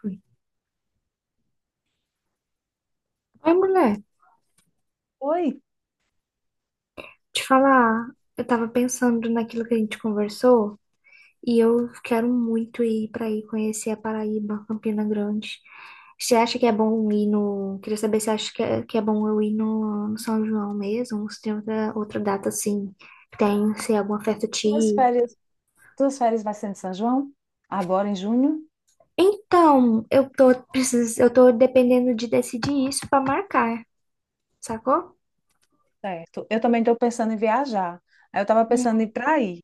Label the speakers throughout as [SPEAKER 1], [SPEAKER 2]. [SPEAKER 1] Fui. Ai, mulher,
[SPEAKER 2] Oi,
[SPEAKER 1] te falar, eu tava pensando naquilo que a gente conversou e eu quero muito ir conhecer a Paraíba, Campina Grande. Você acha que é bom ir no. Queria saber se acha que é bom eu ir no São João mesmo, ou se tem outra data assim, que tem, se é alguma festa te
[SPEAKER 2] tuas
[SPEAKER 1] ir.
[SPEAKER 2] férias, tuas férias vai ser em São João? Agora em junho?
[SPEAKER 1] Então, eu tô dependendo de decidir isso pra marcar, sacou?
[SPEAKER 2] Certo. Eu também estou pensando em viajar. Aí eu estava pensando em ir para aí,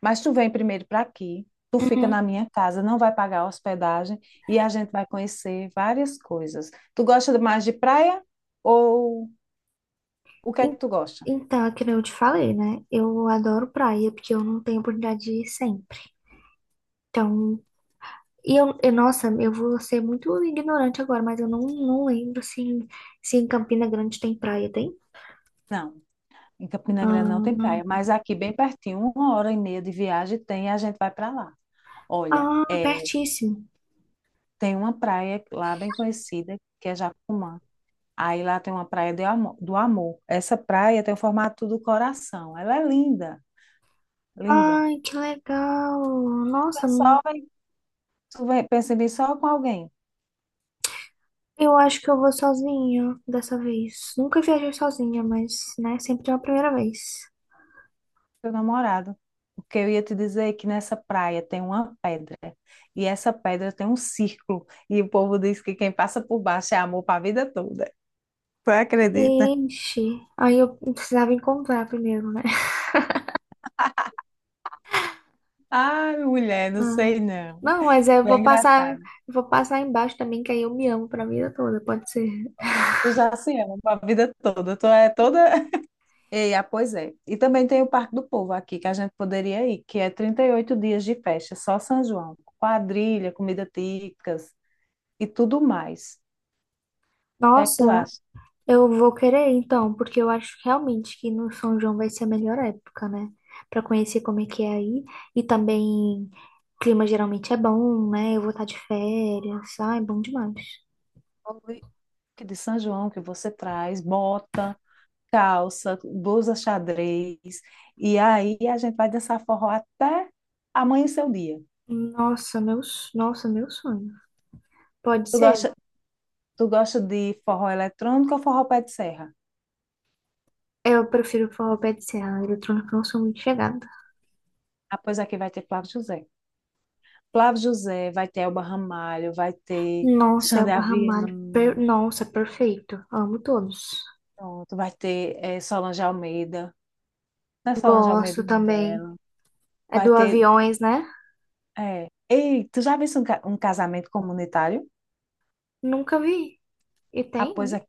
[SPEAKER 2] mas tu vem primeiro para aqui, tu fica
[SPEAKER 1] Uhum.
[SPEAKER 2] na minha casa, não vai pagar hospedagem e a gente vai conhecer várias coisas. Tu gosta mais de praia ou o que é que
[SPEAKER 1] En-
[SPEAKER 2] tu gosta?
[SPEAKER 1] Então, é que nem eu te falei, né? Eu adoro praia, porque eu não tenho oportunidade de ir sempre. Então, nossa, eu vou ser muito ignorante agora, mas eu não lembro se, se em Campina Grande tem praia, tem?
[SPEAKER 2] Não, em Campina Grande não tem praia,
[SPEAKER 1] Ah,
[SPEAKER 2] mas aqui bem pertinho, uma hora e meia de viagem tem e a gente vai para lá. Olha,
[SPEAKER 1] ah,
[SPEAKER 2] é,
[SPEAKER 1] pertíssimo.
[SPEAKER 2] tem uma praia lá bem conhecida que é Jacumã. Aí lá tem uma praia do amor. Essa praia tem o formato do coração. Ela é linda, linda.
[SPEAKER 1] Ai, que legal. Nossa,
[SPEAKER 2] Mas só
[SPEAKER 1] não-
[SPEAKER 2] vai, tu vai, pensa em vir só com alguém,
[SPEAKER 1] eu acho que eu vou sozinha dessa vez. Nunca viajei sozinha, mas, né, sempre é a primeira vez.
[SPEAKER 2] teu namorado. Porque eu ia te dizer que nessa praia tem uma pedra. E essa pedra tem um círculo. E o povo diz que quem passa por baixo é amor para a vida toda. Tu acredita?
[SPEAKER 1] Ixi, aí eu precisava encontrar primeiro, né?
[SPEAKER 2] Ai, mulher, não
[SPEAKER 1] Ah,
[SPEAKER 2] sei não.
[SPEAKER 1] não, mas
[SPEAKER 2] Tu é engraçada.
[SPEAKER 1] eu vou passar embaixo também, que aí eu me amo pra vida toda, pode ser.
[SPEAKER 2] Tu já se ama para a vida toda. Tu é toda. Ei, ah, pois é. E também tem o Parque do Povo aqui, que a gente poderia ir, que é 38 dias de festa, só São João. Quadrilha, comida típicas e tudo mais. O que é que
[SPEAKER 1] Nossa,
[SPEAKER 2] tu acha?
[SPEAKER 1] eu vou querer então, porque eu acho realmente que no São João vai ser a melhor época, né? Pra conhecer como é que é aí. E também, clima geralmente é bom, né? Eu vou estar de férias, ai, é bom demais.
[SPEAKER 2] Oi, que de São João que você traz, bota, calça, blusa xadrez. E aí a gente vai dançar forró até amanhecer o dia.
[SPEAKER 1] Nossa, meu sonho. Pode
[SPEAKER 2] Tu
[SPEAKER 1] ser?
[SPEAKER 2] gosta, tu gosta de forró eletrônico ou forró pé de serra?
[SPEAKER 1] Eu prefiro o forró pé de serra, eletrônica eu não sou muito chegada.
[SPEAKER 2] Ah, pois aqui vai ter Flávio José. Flávio José, vai ter Elba Ramalho, vai ter
[SPEAKER 1] Nossa, é
[SPEAKER 2] Xande
[SPEAKER 1] o Barra Malha.
[SPEAKER 2] Avião,
[SPEAKER 1] Nossa, perfeito. Amo todos.
[SPEAKER 2] pronto, vai ter Solange Almeida. Não é Solange Almeida
[SPEAKER 1] Gosto
[SPEAKER 2] o nome
[SPEAKER 1] também.
[SPEAKER 2] dela.
[SPEAKER 1] É
[SPEAKER 2] Vai
[SPEAKER 1] do
[SPEAKER 2] ter.
[SPEAKER 1] Aviões, né?
[SPEAKER 2] É. Ei, tu já viste um casamento comunitário?
[SPEAKER 1] Nunca vi. E
[SPEAKER 2] Ah,
[SPEAKER 1] tem,
[SPEAKER 2] pois
[SPEAKER 1] né?
[SPEAKER 2] aqui,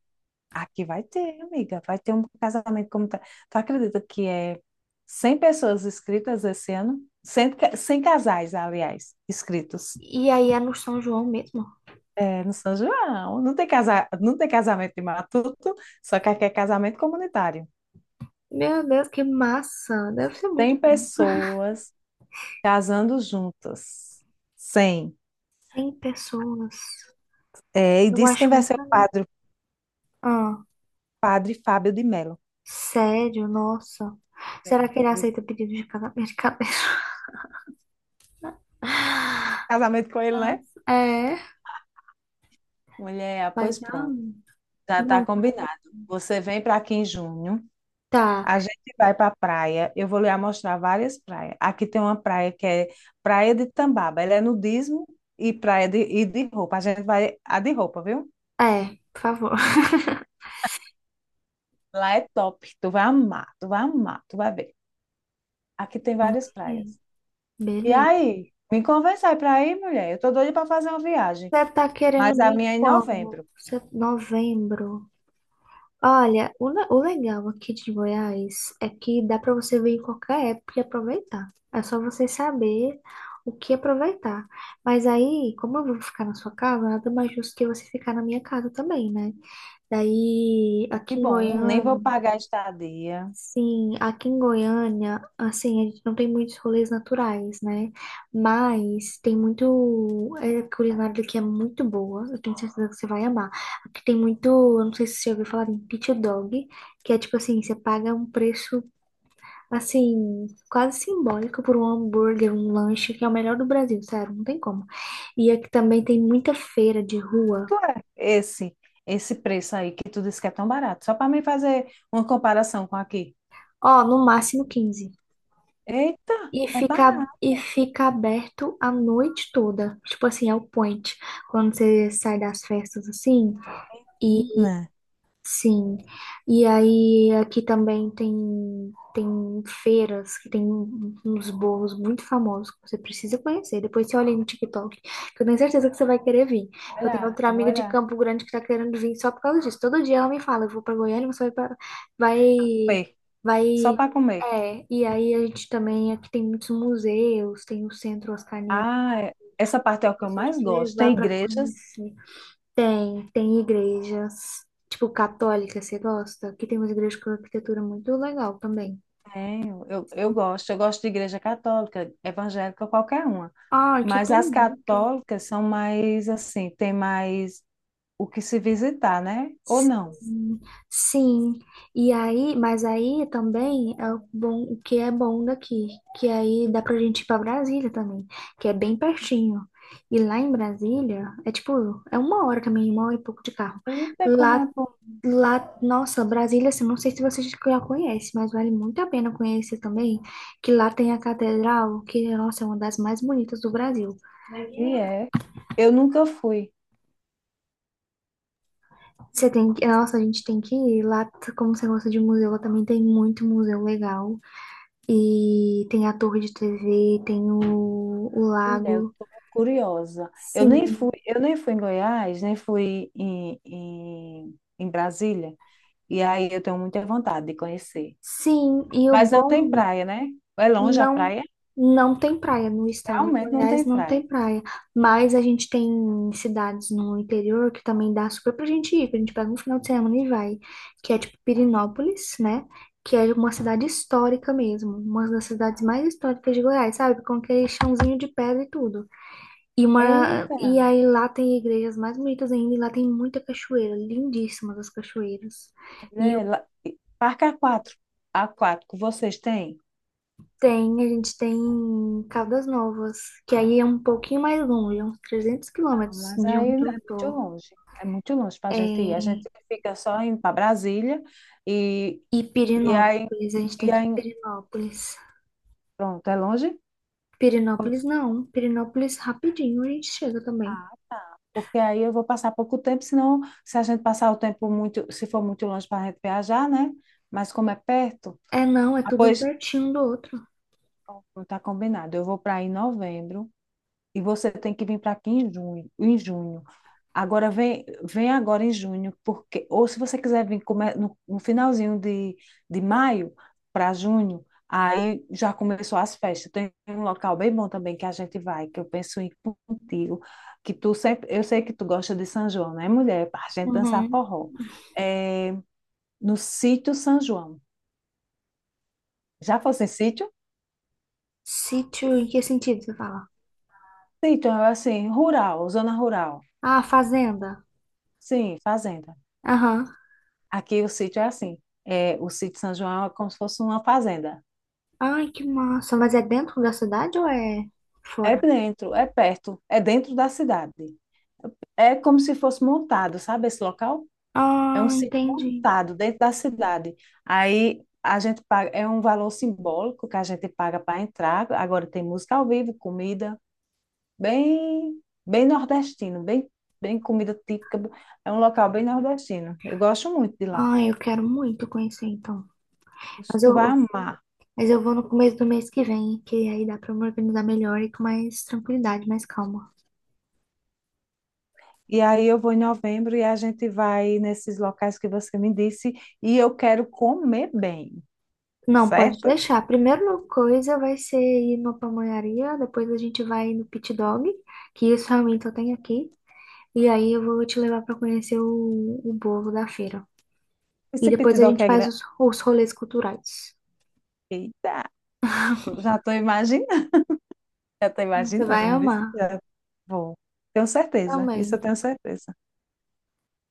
[SPEAKER 2] aqui vai ter, amiga. Vai ter um casamento comunitário. Tu acredita que é 100 pessoas inscritas esse ano? 100, 100 casais, aliás, inscritos.
[SPEAKER 1] E aí é no São João mesmo.
[SPEAKER 2] É, no São João. Não tem, não tem casamento de matuto, só que aqui é casamento comunitário.
[SPEAKER 1] Meu Deus, que massa! Deve ser muito
[SPEAKER 2] 100
[SPEAKER 1] bom.
[SPEAKER 2] pessoas casando juntas. 100.
[SPEAKER 1] 100 pessoas.
[SPEAKER 2] É, e
[SPEAKER 1] Eu
[SPEAKER 2] disse quem
[SPEAKER 1] acho
[SPEAKER 2] vai ser
[SPEAKER 1] muito legal.
[SPEAKER 2] o
[SPEAKER 1] Ah,
[SPEAKER 2] padre Fábio de Mello.
[SPEAKER 1] sério? Nossa. Será que ele
[SPEAKER 2] Sério.
[SPEAKER 1] aceita pedido de casamento? De cabeça?
[SPEAKER 2] Casamento com ele, né?
[SPEAKER 1] Nossa, é,
[SPEAKER 2] Mulher, ah,
[SPEAKER 1] vai
[SPEAKER 2] pois
[SPEAKER 1] que... ah,
[SPEAKER 2] pronto, já está
[SPEAKER 1] não,
[SPEAKER 2] combinado. Você vem para aqui em junho,
[SPEAKER 1] tá.
[SPEAKER 2] a gente vai para a praia, eu vou lhe mostrar várias praias. Aqui tem uma praia que é Praia de Tambaba, ela é nudismo e praia de roupa. A gente vai, a de roupa, viu?
[SPEAKER 1] É, por favor.
[SPEAKER 2] Lá é top, tu vai amar, tu vai amar, tu vai ver. Aqui tem
[SPEAKER 1] Não,
[SPEAKER 2] várias
[SPEAKER 1] ok.
[SPEAKER 2] praias. E
[SPEAKER 1] Beleza.
[SPEAKER 2] aí, me convence aí pra ir, mulher. Eu tô doida pra fazer uma viagem,
[SPEAKER 1] Você tá querendo
[SPEAKER 2] mas a
[SPEAKER 1] vir
[SPEAKER 2] minha é em
[SPEAKER 1] quando?
[SPEAKER 2] novembro.
[SPEAKER 1] Novembro. Olha, o legal aqui de Goiás é que dá para você vir em qualquer época e aproveitar. É só você saber o que aproveitar. Mas aí, como eu vou ficar na sua casa, nada mais justo que você ficar na minha casa também, né? Daí,
[SPEAKER 2] E
[SPEAKER 1] aqui em
[SPEAKER 2] bom, nem vou
[SPEAKER 1] Goiânia,
[SPEAKER 2] pagar estadia.
[SPEAKER 1] Sim, aqui em Goiânia, assim, a gente não tem muitos rolês naturais, né? Mas tem muito. A culinária daqui é muito boa, eu tenho certeza que você vai amar. Aqui tem muito. Eu não sei se você já ouviu falar em pit dog, que é tipo assim: você paga um preço, assim, quase simbólico por um hambúrguer, um lanche, que é o melhor do Brasil, sério, não tem como. E aqui também tem muita feira de rua,
[SPEAKER 2] Quanto é esse esse preço aí que tu disse que é tão barato? Só pra mim fazer uma comparação com aqui.
[SPEAKER 1] ó, no máximo 15.
[SPEAKER 2] Eita,
[SPEAKER 1] E
[SPEAKER 2] é
[SPEAKER 1] fica,
[SPEAKER 2] barato,
[SPEAKER 1] e fica aberto a noite toda. Tipo assim, é o point. Quando você sai das festas assim,
[SPEAKER 2] hein?
[SPEAKER 1] e
[SPEAKER 2] Né?
[SPEAKER 1] sim, e aí aqui também tem feiras que tem uns bolos muito famosos que você precisa conhecer. Depois você olha aí no TikTok, que eu tenho certeza que você vai querer vir. Eu tenho
[SPEAKER 2] Olha,
[SPEAKER 1] outra
[SPEAKER 2] eu vou
[SPEAKER 1] amiga de
[SPEAKER 2] olhar.
[SPEAKER 1] Campo Grande que tá querendo vir só por causa disso. Todo dia ela me fala, eu vou pra Goiânia, você vai pra... vai,
[SPEAKER 2] Comer, só
[SPEAKER 1] vai,
[SPEAKER 2] para comer.
[SPEAKER 1] é. E aí a gente também, aqui tem muitos museus, tem o Centro Oscar Niemeyer,
[SPEAKER 2] Ah, é- essa parte é o
[SPEAKER 1] que
[SPEAKER 2] que
[SPEAKER 1] eu
[SPEAKER 2] eu
[SPEAKER 1] posso
[SPEAKER 2] mais
[SPEAKER 1] te
[SPEAKER 2] gosto.
[SPEAKER 1] levar
[SPEAKER 2] Tem
[SPEAKER 1] para
[SPEAKER 2] igrejas.
[SPEAKER 1] conhecer. Tem igrejas, tipo católica, você gosta? Que tem umas igrejas com arquitetura muito legal também.
[SPEAKER 2] Tenho, eu gosto, eu gosto de igreja católica, evangélica, qualquer uma.
[SPEAKER 1] Ah, que
[SPEAKER 2] Mas
[SPEAKER 1] tem
[SPEAKER 2] as
[SPEAKER 1] muito.
[SPEAKER 2] católicas são mais assim, tem mais o que se visitar, né? Ou não?
[SPEAKER 1] Sim, sim. E aí, mas aí também é o bom, o que é bom daqui, que aí dá pra gente ir pra Brasília também, que é bem pertinho. E lá em Brasília, é tipo, é uma hora também, uma hora e pouco de carro.
[SPEAKER 2] Eita, como é
[SPEAKER 1] Lá
[SPEAKER 2] bom.
[SPEAKER 1] Lá, nossa, Brasília, assim, não sei se vocês já conhecem, mas vale muito a pena conhecer também, que lá tem a catedral, que, nossa, é uma das mais bonitas do Brasil.
[SPEAKER 2] E é. Eu nunca fui.
[SPEAKER 1] Você tem que, nossa, a gente tem que ir lá, como você gosta de museu, lá também tem muito museu legal. E tem a torre de TV, o
[SPEAKER 2] Mulher, eu
[SPEAKER 1] lago.
[SPEAKER 2] tô curiosa.
[SPEAKER 1] Sim,
[SPEAKER 2] Eu nem fui em Goiás, nem fui em Brasília. E aí eu tenho muita vontade de conhecer.
[SPEAKER 1] sim, e o
[SPEAKER 2] Mas não tem
[SPEAKER 1] bom
[SPEAKER 2] praia, né? É longe a
[SPEAKER 1] não,
[SPEAKER 2] praia?
[SPEAKER 1] não tem praia no estado de
[SPEAKER 2] Realmente não
[SPEAKER 1] Goiás,
[SPEAKER 2] tem
[SPEAKER 1] não
[SPEAKER 2] praia.
[SPEAKER 1] tem praia. Mas a gente tem cidades no interior que também dá super pra gente ir, que a gente pega um final de semana e vai, que é tipo Pirinópolis, né? Que é uma cidade histórica mesmo, uma das cidades mais históricas de Goiás, sabe? Com aquele chãozinho de pedra e tudo.
[SPEAKER 2] Eita.
[SPEAKER 1] E aí lá tem igrejas mais bonitas ainda, e lá tem muita cachoeira, lindíssimas as cachoeiras. E
[SPEAKER 2] Mulher, lá- Parque a quatro aquático, vocês têm?
[SPEAKER 1] Tem, a gente tem Caldas Novas, que aí é um pouquinho mais longe, é uns 300
[SPEAKER 2] Ah,
[SPEAKER 1] quilômetros
[SPEAKER 2] mas
[SPEAKER 1] de
[SPEAKER 2] aí é
[SPEAKER 1] onde eu
[SPEAKER 2] muito
[SPEAKER 1] tô.
[SPEAKER 2] longe. É muito longe para a gente ir. A gente
[SPEAKER 1] É...
[SPEAKER 2] fica só indo para Brasília e,
[SPEAKER 1] E
[SPEAKER 2] e aí,
[SPEAKER 1] Pirenópolis, a gente tem
[SPEAKER 2] e
[SPEAKER 1] que ir em
[SPEAKER 2] aí,
[SPEAKER 1] Pirenópolis.
[SPEAKER 2] pronto, é longe?
[SPEAKER 1] Pirenópolis não, Pirenópolis rapidinho a gente chega também.
[SPEAKER 2] Ah, tá. Porque aí eu vou passar pouco tempo, senão, se a gente passar o tempo muito, se for muito longe para a gente viajar, né? Mas como é perto,
[SPEAKER 1] É não, é
[SPEAKER 2] ah,
[SPEAKER 1] tudo um
[SPEAKER 2] pois,
[SPEAKER 1] pertinho do outro.
[SPEAKER 2] não tá combinado. Eu vou para aí em novembro, e você tem que vir para aqui em junho, em junho. Agora vem, vem agora em junho, porque ou se você quiser vir no finalzinho de maio para junho, aí já começou as festas. Tem um local bem bom também que a gente vai, que eu penso em ir contigo, que tu sempre, eu sei que tu gosta de São João, né, mulher? Para a gente dançar
[SPEAKER 1] Uhum.
[SPEAKER 2] forró. É, no sítio São João. Já fosse em sítio?
[SPEAKER 1] Sítio, em que sentido você fala?
[SPEAKER 2] Sítio, assim, rural, zona rural.
[SPEAKER 1] Ah, fazenda.
[SPEAKER 2] Sim, fazenda.
[SPEAKER 1] Aham.
[SPEAKER 2] Aqui o sítio é assim. É, o sítio São João é como se fosse uma fazenda.
[SPEAKER 1] Ai, que massa. Mas é dentro da cidade ou é
[SPEAKER 2] É
[SPEAKER 1] fora?
[SPEAKER 2] dentro, é perto, é dentro da cidade. É como se fosse montado, sabe esse local? É um
[SPEAKER 1] Ah,
[SPEAKER 2] sítio
[SPEAKER 1] entendi.
[SPEAKER 2] montado dentro da cidade. Aí a gente paga, é um valor simbólico que a gente paga para entrar. Agora tem música ao vivo, comida, bem, bem nordestino, bem, bem comida típica. É um local bem nordestino. Eu gosto muito de lá.
[SPEAKER 1] Ah, eu quero muito conhecer então. Mas
[SPEAKER 2] Tu vai
[SPEAKER 1] eu
[SPEAKER 2] amar.
[SPEAKER 1] Mas eu vou no começo do mês que vem, que aí dá pra eu me organizar melhor e com mais tranquilidade, mais calma.
[SPEAKER 2] E aí eu vou em novembro e a gente vai nesses locais que você me disse e eu quero comer bem,
[SPEAKER 1] Não, pode
[SPEAKER 2] certo?
[SPEAKER 1] deixar. A primeira coisa vai ser ir numa pamonharia, depois a gente vai no Pit Dog, que isso realmente eu tenho aqui. E aí eu vou te levar pra conhecer o bolo da feira. E
[SPEAKER 2] Esse
[SPEAKER 1] depois a
[SPEAKER 2] pitidoque
[SPEAKER 1] gente
[SPEAKER 2] é
[SPEAKER 1] faz
[SPEAKER 2] grande.
[SPEAKER 1] os rolês culturais.
[SPEAKER 2] Eita, já estou imaginando, já estou
[SPEAKER 1] Você vai
[SPEAKER 2] imaginando, viu?
[SPEAKER 1] amar
[SPEAKER 2] Já vou. Tenho certeza, isso eu
[SPEAKER 1] também.
[SPEAKER 2] tenho certeza.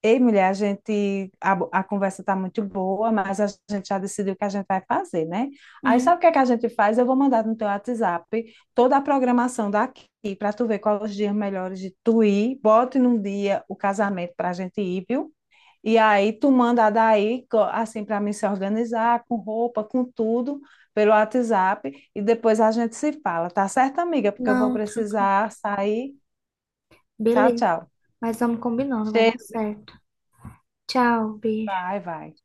[SPEAKER 2] Ei, mulher, a gente, a conversa tá muito boa, mas a gente já decidiu o que a gente vai fazer, né? Aí sabe
[SPEAKER 1] Uhum.
[SPEAKER 2] o que é que a gente faz? Eu vou mandar no teu WhatsApp toda a programação daqui para tu ver quais os dias melhores de tu ir. Bote num dia o casamento para a gente ir, viu? E aí tu manda daí, assim, para mim se organizar, com roupa, com tudo, pelo WhatsApp. E depois a gente se fala, tá certo, amiga? Porque eu vou
[SPEAKER 1] Não, tranquilo.
[SPEAKER 2] precisar sair. Tchau,
[SPEAKER 1] Beleza.
[SPEAKER 2] tchau.
[SPEAKER 1] Mas vamos combinando, vai dar
[SPEAKER 2] Cheiro,
[SPEAKER 1] certo. Tchau, beijo.
[SPEAKER 2] vai, vai.